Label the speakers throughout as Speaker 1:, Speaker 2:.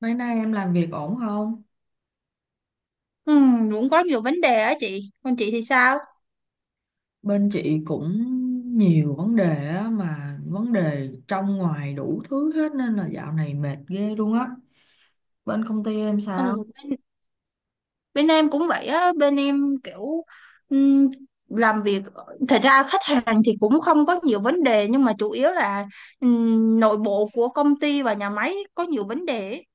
Speaker 1: Mấy nay em làm việc ổn không?
Speaker 2: Ừ, cũng có nhiều vấn đề á chị. Còn chị thì sao?
Speaker 1: Bên chị cũng nhiều vấn đề á, mà vấn đề trong ngoài đủ thứ hết nên là dạo này mệt ghê luôn á. Bên công ty em sao?
Speaker 2: ừ, bên, bên em cũng vậy á. Bên em kiểu ừm, làm việc, thật ra khách hàng thì cũng không có nhiều vấn đề, nhưng mà chủ yếu là nội bộ của công ty và nhà máy có nhiều vấn đề ấy.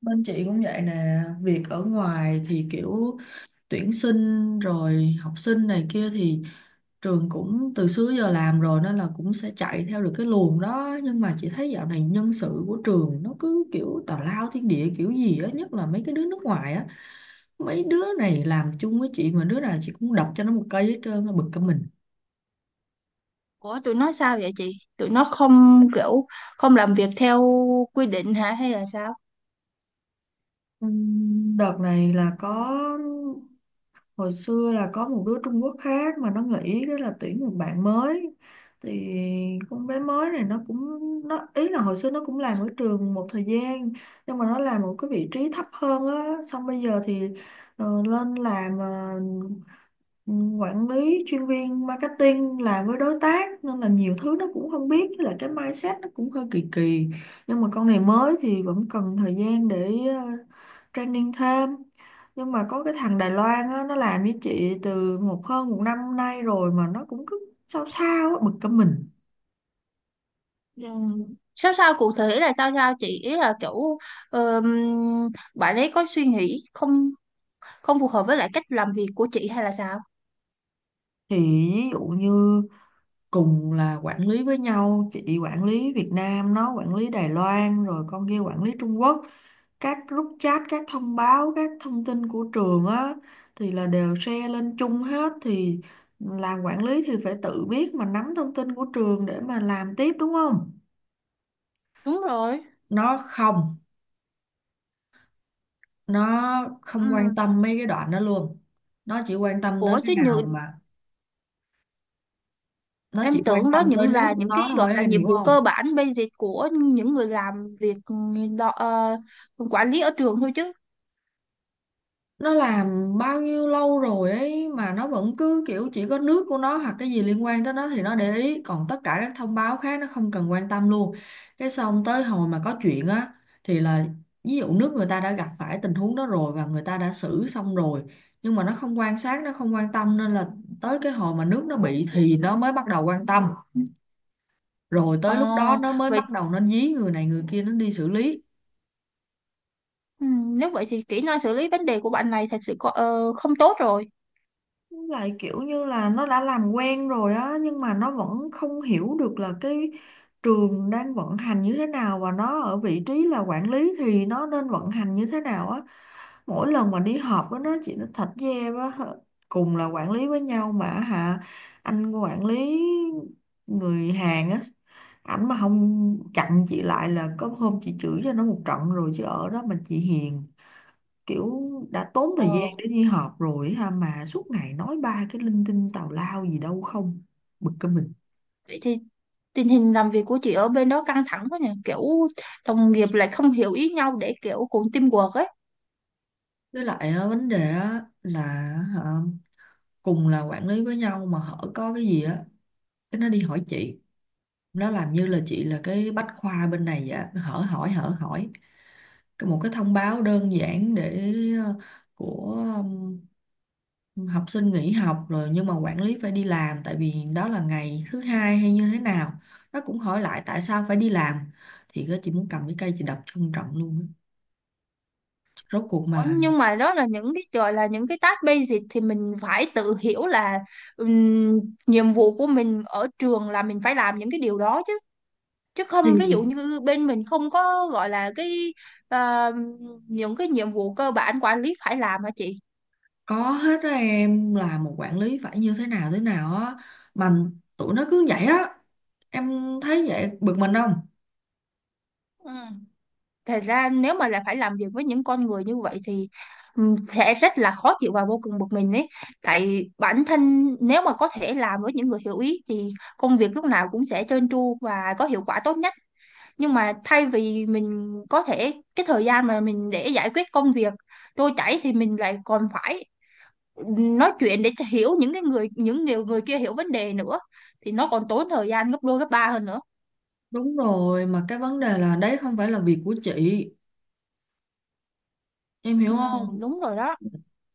Speaker 1: Bên chị cũng vậy nè, việc ở ngoài thì kiểu tuyển sinh rồi học sinh này kia thì trường cũng từ xưa giờ làm rồi nên là cũng sẽ chạy theo được cái luồng đó, nhưng mà chị thấy dạo này nhân sự của trường nó cứ kiểu tào lao thiên địa kiểu gì á, nhất là mấy cái đứa nước ngoài á. Mấy đứa này làm chung với chị mà đứa nào chị cũng đập cho nó một cây hết trơn, nó bực cả mình.
Speaker 2: Ủa tụi nó sao vậy chị? Tụi nó không kiểu không làm việc theo quy định hả hay là sao?
Speaker 1: Đợt này là có, hồi xưa là có một đứa Trung Quốc khác mà nó nghĩ cái là tuyển một bạn mới. Thì con bé mới này nó ý là hồi xưa nó cũng làm ở trường một thời gian, nhưng mà nó làm một cái vị trí thấp hơn á, xong bây giờ thì lên làm ừ, quản lý chuyên viên marketing làm với đối tác, nên là nhiều thứ nó cũng không biết, với lại cái mindset nó cũng hơi kỳ kỳ. Nhưng mà con này mới thì vẫn cần thời gian để training thêm. Nhưng mà có cái thằng Đài Loan á, nó làm với chị từ hơn một năm nay rồi mà nó cũng cứ sao sao á, bực cả mình.
Speaker 2: Ừm, Sao sao cụ thể là sao sao chị? Ý là kiểu ờm, bạn ấy có suy nghĩ không không phù hợp với lại cách làm việc của chị hay là sao?
Speaker 1: Thì ví dụ như cùng là quản lý với nhau, chị quản lý Việt Nam, nó quản lý Đài Loan, rồi con kia quản lý Trung Quốc. Các group chat, các thông báo, các thông tin của trường á thì là đều share lên chung hết. Thì làm quản lý thì phải tự biết mà nắm thông tin của trường để mà làm tiếp, đúng không?
Speaker 2: Đúng rồi.
Speaker 1: Nó không nó không quan
Speaker 2: Ừ.
Speaker 1: tâm mấy cái đoạn đó luôn. nó chỉ quan tâm tới
Speaker 2: Ủa
Speaker 1: cái
Speaker 2: chứ như
Speaker 1: nào mà nó chỉ
Speaker 2: em
Speaker 1: quan
Speaker 2: tưởng đó
Speaker 1: tâm tới
Speaker 2: những
Speaker 1: nước
Speaker 2: là
Speaker 1: của
Speaker 2: những cái
Speaker 1: nó
Speaker 2: gọi
Speaker 1: thôi,
Speaker 2: là
Speaker 1: em
Speaker 2: nhiệm
Speaker 1: hiểu
Speaker 2: vụ
Speaker 1: không?
Speaker 2: cơ bản basic của những người làm việc đo, ờ, quản lý ở trường thôi chứ.
Speaker 1: Nó làm bao nhiêu lâu rồi ấy mà nó vẫn cứ kiểu chỉ có nước của nó hoặc cái gì liên quan tới nó thì nó để ý, còn tất cả các thông báo khác nó không cần quan tâm luôn. Cái xong tới hồi mà có chuyện á, thì là ví dụ nước người ta đã gặp phải tình huống đó rồi và người ta đã xử xong rồi, nhưng mà nó không quan sát, nó không quan tâm, nên là tới cái hồi mà nước nó bị thì nó mới bắt đầu quan tâm, rồi
Speaker 2: ờ
Speaker 1: tới lúc đó nó mới
Speaker 2: vậy
Speaker 1: bắt đầu nó dí người này người kia nó đi xử lý.
Speaker 2: ừ, nếu vậy thì kỹ năng xử lý vấn đề của bạn này thật sự có, không tốt rồi.
Speaker 1: Lại kiểu như là nó đã làm quen rồi á, nhưng mà nó vẫn không hiểu được là cái trường đang vận hành như thế nào và nó ở vị trí là quản lý thì nó nên vận hành như thế nào á. Mỗi lần mà đi họp với nó, chị nó thật với em á, cùng là quản lý với nhau mà hả, anh quản lý người Hàn á, ảnh mà không chặn chị lại là có hôm chị chửi cho nó một trận rồi, chứ ở đó mà chị hiền. Kiểu đã tốn thời gian
Speaker 2: ờ
Speaker 1: để đi họp rồi ha, mà suốt ngày nói ba cái linh tinh tào lao gì đâu không, bực cái mình.
Speaker 2: vậy thì tình hình làm việc của chị ở bên đó căng thẳng quá nhỉ, kiểu đồng nghiệp lại không hiểu ý nhau để kiểu cùng teamwork ấy.
Speaker 1: Với lại á, vấn đề á là hả, cùng là quản lý với nhau mà hở có cái gì á, cái nó đi hỏi chị. Nó làm như là chị là cái bách khoa bên này vậy á, cứ hở hỏi hở hỏi. Một cái thông báo đơn giản để ờ, của học sinh nghỉ học rồi, nhưng mà quản lý phải đi làm tại vì đó là ngày thứ hai hay như thế nào, nó cũng hỏi lại tại sao phải đi làm. Thì cái chị muốn cầm cái cây chị đập cho ông trọng luôn á. Rốt cuộc
Speaker 2: Ủa,
Speaker 1: mà là,
Speaker 2: nhưng mà đó là những cái gọi là những cái task basic thì mình phải tự hiểu là ừm, nhiệm vụ của mình ở trường là mình phải làm những cái điều đó chứ. Chứ không, ví dụ
Speaker 1: thì
Speaker 2: như bên mình không có gọi là cái ờ, những cái nhiệm vụ cơ bản quản lý phải làm hả chị?
Speaker 1: có hết đó em, là một quản lý phải như thế nào á, mà tụi nó cứ vậy á. Em thấy vậy bực mình không?
Speaker 2: Ừ. Thật ra nếu mà là phải làm việc với những con người như vậy thì sẽ rất là khó chịu và vô cùng bực mình ấy. Tại bản thân nếu mà có thể làm với những người hiểu ý thì công việc lúc nào cũng sẽ trơn tru và có hiệu quả tốt nhất. Nhưng mà thay vì mình có thể cái thời gian mà mình để giải quyết công việc trôi chảy thì mình lại còn phải nói chuyện để cho hiểu những cái người những nhiều người kia hiểu vấn đề nữa, thì nó còn tốn thời gian gấp đôi gấp ba hơn nữa.
Speaker 1: Đúng rồi, mà cái vấn đề là đấy không phải là việc của chị, em
Speaker 2: Ừ,
Speaker 1: hiểu không?
Speaker 2: đúng rồi đó.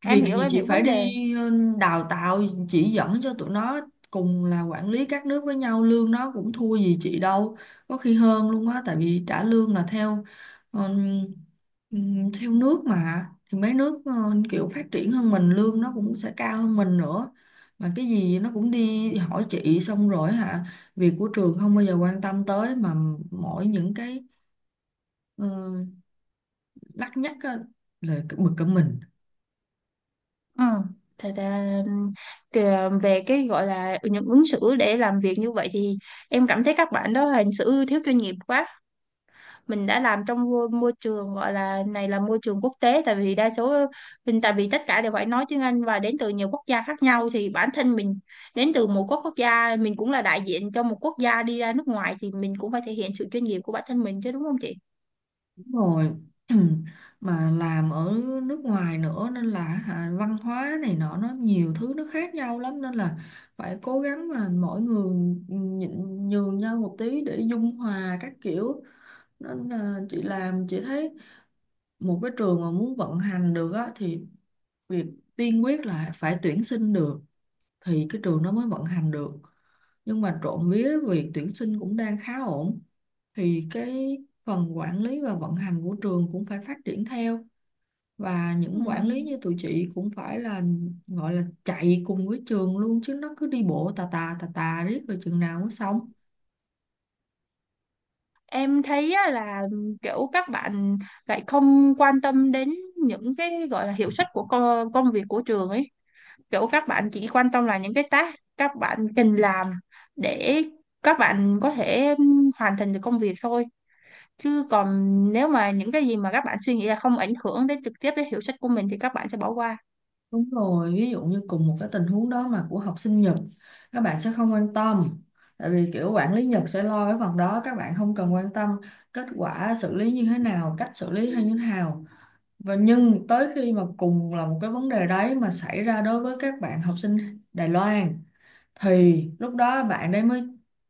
Speaker 2: Em
Speaker 1: Việc
Speaker 2: hiểu,
Speaker 1: gì
Speaker 2: em
Speaker 1: chị
Speaker 2: hiểu
Speaker 1: phải
Speaker 2: vấn đề.
Speaker 1: đi đào tạo, chỉ dẫn cho tụi nó. Cùng là quản lý các nước với nhau, lương nó cũng thua gì chị đâu, có khi hơn luôn á, tại vì trả lương là theo ờm, theo nước mà, thì mấy nước kiểu phát triển hơn mình, lương nó cũng sẽ cao hơn mình nữa. Mà cái gì nó cũng đi hỏi chị xong rồi hả, việc của trường không bao giờ quan tâm tới, mà mỗi những cái Ờ, đắt nhất á, là cái bực cả mình.
Speaker 2: Ừ. Thật ra kìa, về cái gọi là những ứng xử để làm việc như vậy thì em cảm thấy các bạn đó hành xử thiếu chuyên nghiệp quá. Mình đã làm trong môi môi trường gọi là này là môi trường quốc tế, tại vì đa số mình, tại vì tất cả đều phải nói tiếng Anh và đến từ nhiều quốc gia khác nhau, thì bản thân mình đến từ một quốc quốc gia, mình cũng là đại diện cho một quốc gia đi ra nước ngoài thì mình cũng phải thể hiện sự chuyên nghiệp của bản thân mình chứ, đúng không chị?
Speaker 1: Đúng rồi. Mà làm ở nước ngoài nữa nên là hả, văn hóa này nọ nó nhiều thứ nó khác nhau lắm, nên là phải cố gắng mà mỗi người nhịn nhường nhau một tí để dung hòa các kiểu. Nên là chị làm chị thấy một cái trường mà muốn vận hành được á, thì việc tiên quyết là phải tuyển sinh được, thì cái trường nó mới vận hành được. Nhưng mà trộm vía việc tuyển sinh cũng đang khá ổn, thì cái phần quản lý và vận hành của trường cũng phải phát triển theo, và những quản lý như
Speaker 2: Ừm.
Speaker 1: tụi chị cũng phải là gọi là chạy cùng với trường luôn, chứ nó cứ đi bộ tà tà tà tà riết rồi chừng nào mới xong.
Speaker 2: Em thấy á là kiểu các bạn lại không quan tâm đến những cái gọi là hiệu suất của công việc của trường ấy. Kiểu các bạn chỉ quan tâm là những cái task các bạn cần làm để các bạn có thể hoàn thành được công việc thôi. Chứ còn nếu mà những cái gì mà các bạn suy nghĩ là không ảnh hưởng đến trực tiếp đến hiệu suất của mình thì các bạn sẽ bỏ qua.
Speaker 1: Đúng rồi, ví dụ như cùng một cái tình huống đó mà của học sinh Nhật, các bạn sẽ không quan tâm, tại vì kiểu quản lý Nhật sẽ lo cái phần đó, các bạn không cần quan tâm kết quả xử lý như thế nào, cách xử lý hay như thế nào. Và nhưng tới khi mà cùng là một cái vấn đề đấy mà xảy ra đối với các bạn học sinh Đài Loan, thì lúc đó bạn đấy mới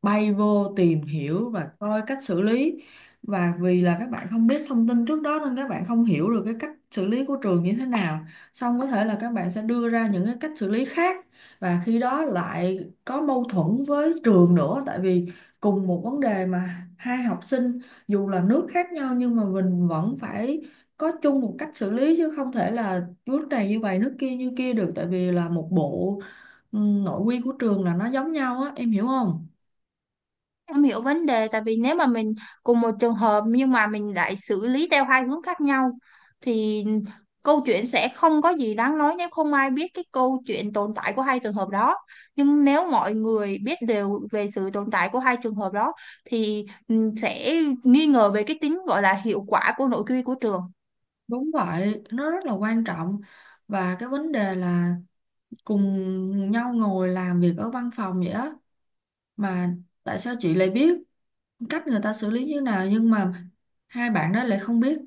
Speaker 1: bay vô tìm hiểu và coi cách xử lý. Và vì là các bạn không biết thông tin trước đó nên các bạn không hiểu được cái cách xử lý của trường như thế nào, xong có thể là các bạn sẽ đưa ra những cái cách xử lý khác, và khi đó lại có mâu thuẫn với trường nữa. Tại vì cùng một vấn đề mà hai học sinh dù là nước khác nhau nhưng mà mình vẫn phải có chung một cách xử lý, chứ không thể là nước này như vậy nước kia như kia được, tại vì là một bộ ừ, nội quy của trường là nó giống nhau á, em hiểu không?
Speaker 2: Em hiểu vấn đề, tại vì nếu mà mình cùng một trường hợp nhưng mà mình lại xử lý theo hai hướng khác nhau thì câu chuyện sẽ không có gì đáng nói nếu không ai biết cái câu chuyện tồn tại của hai trường hợp đó. Nhưng nếu mọi người biết đều về sự tồn tại của hai trường hợp đó thì sẽ nghi ngờ về cái tính gọi là hiệu quả của nội quy của trường.
Speaker 1: Đúng vậy, nó rất là quan trọng. Và cái vấn đề là cùng nhau ngồi làm việc ở văn phòng vậy á, mà tại sao chị lại biết cách người ta xử lý như nào, nhưng mà hai bạn đó lại không biết?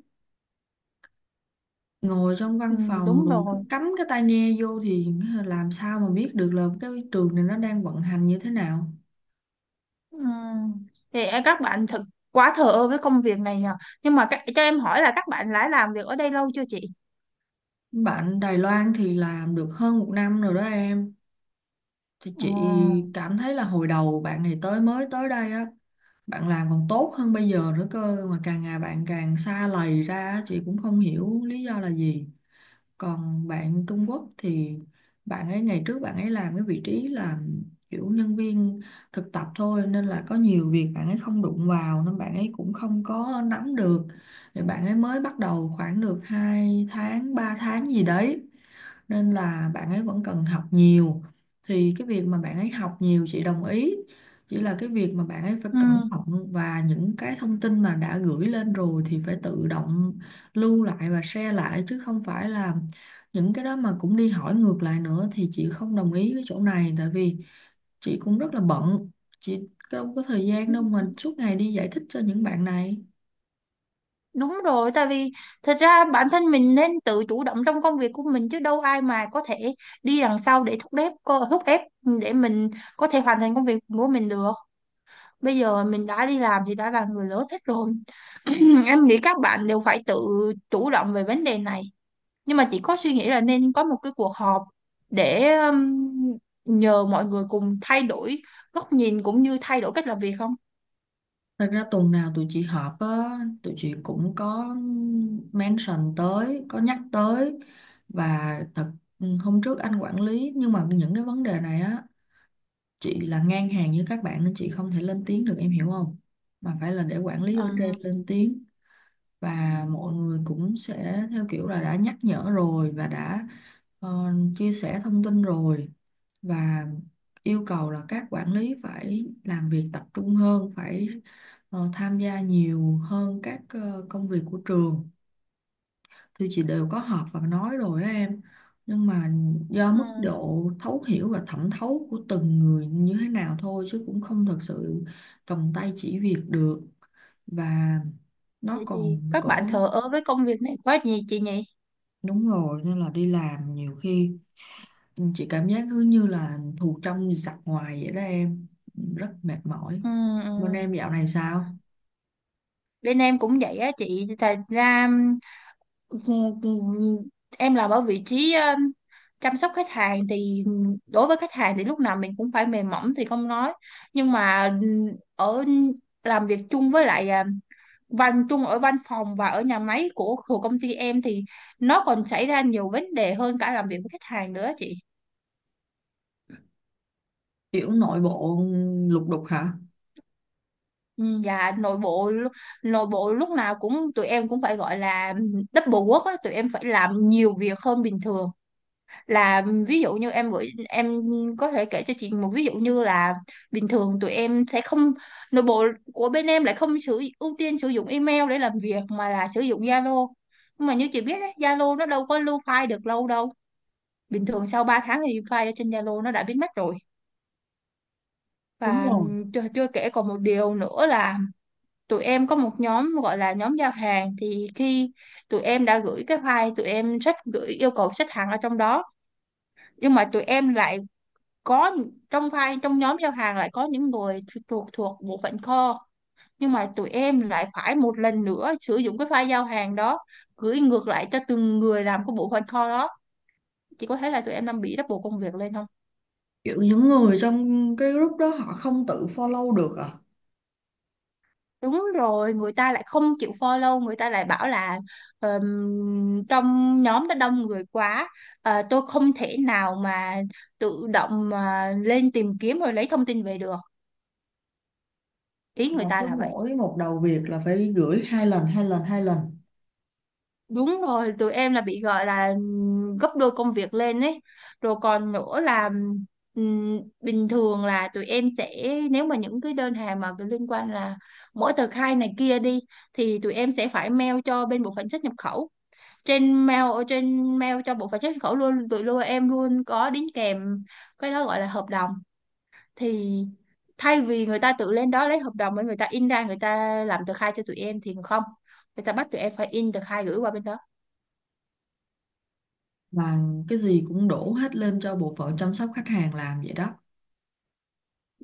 Speaker 1: Ngồi trong
Speaker 2: Ừ,
Speaker 1: văn phòng
Speaker 2: đúng
Speaker 1: rồi cứ
Speaker 2: rồi.
Speaker 1: cắm cái tai nghe vô thì làm sao mà biết được là cái trường này nó đang vận hành như thế nào.
Speaker 2: Ừ. Thì các bạn thật quá thờ ơ với công việc này nhờ. Nhưng mà các, cho em hỏi là các bạn đã làm việc ở đây lâu chưa chị?
Speaker 1: Bạn Đài Loan thì làm được hơn một năm rồi đó em. Thì
Speaker 2: Ừ.
Speaker 1: chị cảm thấy là hồi đầu bạn này mới tới đây á, bạn làm còn tốt hơn bây giờ nữa cơ, mà càng ngày bạn càng xa lầy ra á, chị cũng không hiểu lý do là gì. Còn bạn Trung Quốc thì bạn ấy ngày trước bạn ấy làm cái vị trí là kiểu nhân viên thực tập thôi, nên là có nhiều việc bạn ấy không đụng vào nên bạn ấy cũng không có nắm được. Thì bạn ấy mới bắt đầu khoảng được 2 tháng 3 tháng gì đấy, nên là bạn ấy vẫn cần học nhiều. Thì cái việc mà bạn ấy học nhiều chị đồng ý, chỉ là cái việc mà bạn ấy phải
Speaker 2: Ừ.
Speaker 1: cẩn thận và những cái thông tin mà đã gửi lên rồi thì phải tự động lưu lại và share lại, chứ không phải là những cái đó mà cũng đi hỏi ngược lại nữa, thì chị không đồng ý cái chỗ này. Tại vì chị cũng rất là bận, chị đâu có thời gian đâu mà suốt ngày đi giải thích cho những bạn này.
Speaker 2: Đúng rồi, tại vì thật ra bản thân mình nên tự chủ động trong công việc của mình chứ đâu ai mà có thể đi đằng sau để thúc ép thúc ép để mình có thể hoàn thành công việc của mình được. Bây giờ mình đã đi làm thì đã là người lớn hết rồi. Em nghĩ các bạn đều phải tự chủ động về vấn đề này. Nhưng mà chỉ có suy nghĩ là nên có một cái cuộc họp để nhờ mọi người cùng thay đổi góc nhìn cũng như thay đổi cách làm việc không?
Speaker 1: Thật ra tuần nào tụi chị họp á, tụi chị cũng có mention tới, có nhắc tới. Và hôm trước anh quản lý, nhưng mà những cái vấn đề này á, chị là ngang hàng với các bạn nên chị không thể lên tiếng được, em hiểu không? Mà phải là để quản lý
Speaker 2: Ờ,
Speaker 1: ở trên lên tiếng, và mọi người cũng sẽ theo kiểu là đã nhắc nhở rồi và đã chia sẻ thông tin rồi, và yêu cầu là các quản lý phải làm việc tập trung hơn, phải tham gia nhiều hơn các công việc của trường. Thì chị đều có họp và nói rồi á em. Nhưng mà do mức
Speaker 2: ừ.
Speaker 1: độ thấu hiểu và thẩm thấu của từng người như thế nào thôi, chứ cũng không thật sự cầm tay chỉ việc được, và nó
Speaker 2: Vậy
Speaker 1: còn
Speaker 2: thì các bạn
Speaker 1: cổ.
Speaker 2: thờ ơ với công việc này quá nhỉ chị nhỉ?
Speaker 1: Đúng rồi, nên là đi làm nhiều khi chị cảm giác cứ như là thù trong giặc ngoài vậy đó em, rất mệt mỏi.
Speaker 2: Ừ, ừ.
Speaker 1: Bên em dạo này sao?
Speaker 2: Bên em cũng vậy á chị. Thật ra ừ, ừ, em làm ở vị trí chăm sóc khách hàng thì đối với khách hàng thì lúc nào mình cũng phải mềm mỏng thì không nói. Nhưng mà ở làm việc chung với lại văn chung ở văn phòng và ở nhà máy của công ty em thì nó còn xảy ra nhiều vấn đề hơn cả làm việc với khách hàng nữa chị.
Speaker 1: Kiểu nội bộ lục đục hả?
Speaker 2: Ừ, dạ nội bộ nội bộ lúc nào cũng tụi em cũng phải gọi là double work á, tụi em phải làm nhiều việc hơn bình thường. Là ví dụ như em gửi, em có thể kể cho chị một ví dụ như là bình thường tụi em sẽ không, nội bộ của bên em lại không sử ưu tiên sử dụng email để làm việc mà là sử dụng Zalo. Nhưng mà như chị biết đấy, Zalo nó đâu có lưu file được lâu đâu. Bình thường sau 3 tháng thì file ở trên Zalo nó đã biến mất rồi.
Speaker 1: Đúng
Speaker 2: Và
Speaker 1: rồi,
Speaker 2: chưa kể còn một điều nữa là tụi em có một nhóm gọi là nhóm giao hàng, thì khi tụi em đã gửi cái file tụi em sách gửi yêu cầu xếp hàng ở trong đó, nhưng mà tụi em lại có, trong file trong nhóm giao hàng lại có những người thuộc thuộc bộ phận kho, nhưng mà tụi em lại phải một lần nữa sử dụng cái file giao hàng đó gửi ngược lại cho từng người làm cái bộ phận kho đó. Chị có thấy là tụi em đang bị double công việc lên không?
Speaker 1: kiểu những người trong cái group đó họ không tự follow được à.
Speaker 2: Đúng rồi, người ta lại không chịu follow, người ta lại bảo là ờm, trong nhóm đã đông người quá, tôi không thể nào mà tự động mà lên tìm kiếm rồi lấy thông tin về được. Ý
Speaker 1: Mà
Speaker 2: người ta
Speaker 1: cứ
Speaker 2: là vậy.
Speaker 1: mỗi một đầu việc là phải gửi 2 lần 2 lần 2 lần.
Speaker 2: Đúng rồi, tụi em là bị gọi là gấp đôi công việc lên ấy. Rồi còn nữa là bình thường là tụi em sẽ, nếu mà những cái đơn hàng mà liên quan là mỗi tờ khai này kia đi thì tụi em sẽ phải mail cho bên bộ phận xuất nhập khẩu. Trên mail, ở trên mail cho bộ phận xuất nhập khẩu luôn, tụi luôn em luôn có đính kèm cái đó gọi là hợp đồng, thì thay vì người ta tự lên đó lấy hợp đồng với người ta in ra người ta làm tờ khai cho tụi em thì không, người ta bắt tụi em phải in tờ khai gửi qua bên đó.
Speaker 1: Mà cái gì cũng đổ hết lên cho bộ phận chăm sóc khách hàng làm vậy đó.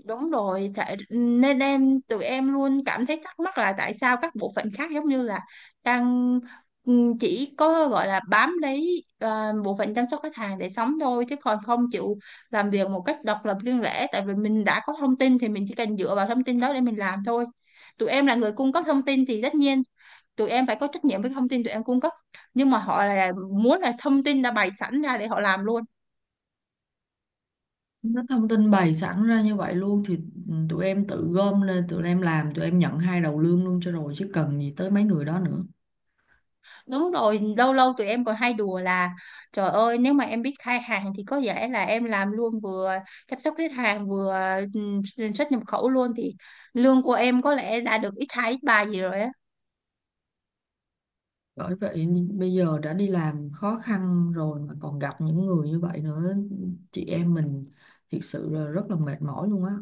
Speaker 2: Đúng rồi, tại nên em, tụi em luôn cảm thấy thắc mắc là tại sao các bộ phận khác giống như là đang chỉ có gọi là bám lấy bộ phận chăm sóc khách hàng để sống thôi chứ còn không chịu làm việc một cách độc lập riêng lẻ, tại vì mình đã có thông tin thì mình chỉ cần dựa vào thông tin đó để mình làm thôi. Tụi em là người cung cấp thông tin thì tất nhiên tụi em phải có trách nhiệm với thông tin tụi em cung cấp, nhưng mà họ là muốn là thông tin đã bày sẵn ra để họ làm luôn.
Speaker 1: Nó thông tin bày sẵn ra như vậy luôn thì tụi em tự gom lên tụi em làm, tụi em nhận hai đầu lương luôn cho rồi, chứ cần gì tới mấy người đó nữa.
Speaker 2: Đúng rồi, lâu lâu tụi em còn hay đùa là trời ơi nếu mà em biết khai hàng thì có vẻ là em làm luôn, vừa chăm sóc khách hàng vừa xuất nhập khẩu luôn, thì lương của em có lẽ đã được ít hai ít ba gì rồi á.
Speaker 1: Bởi vậy bây giờ đã đi làm khó khăn rồi mà còn gặp những người như vậy nữa, chị em mình thực sự là rất là mệt mỏi luôn á.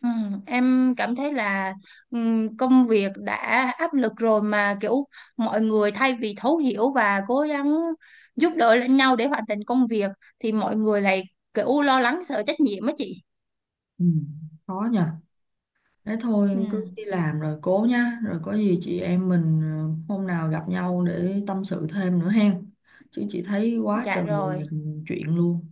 Speaker 2: Ừ, em cảm thấy là công việc đã áp lực rồi mà kiểu mọi người thay vì thấu hiểu và cố gắng giúp đỡ lẫn nhau để hoàn thành công việc thì mọi người lại kiểu lo lắng sợ trách nhiệm á chị.
Speaker 1: Ừ, khó nha. Thế
Speaker 2: Ừ,
Speaker 1: thôi cứ đi làm rồi cố nha, rồi có gì chị em mình hôm nào gặp nhau để tâm sự thêm nữa hen. Chứ chị thấy quá
Speaker 2: dạ
Speaker 1: trời
Speaker 2: rồi.
Speaker 1: là chuyện luôn.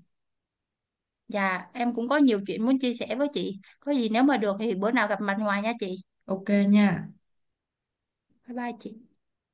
Speaker 2: Dạ, em cũng có nhiều chuyện muốn chia sẻ với chị. Có gì nếu mà được thì bữa nào gặp mặt ngoài nha chị.
Speaker 1: Ok nha.
Speaker 2: Bye bye chị.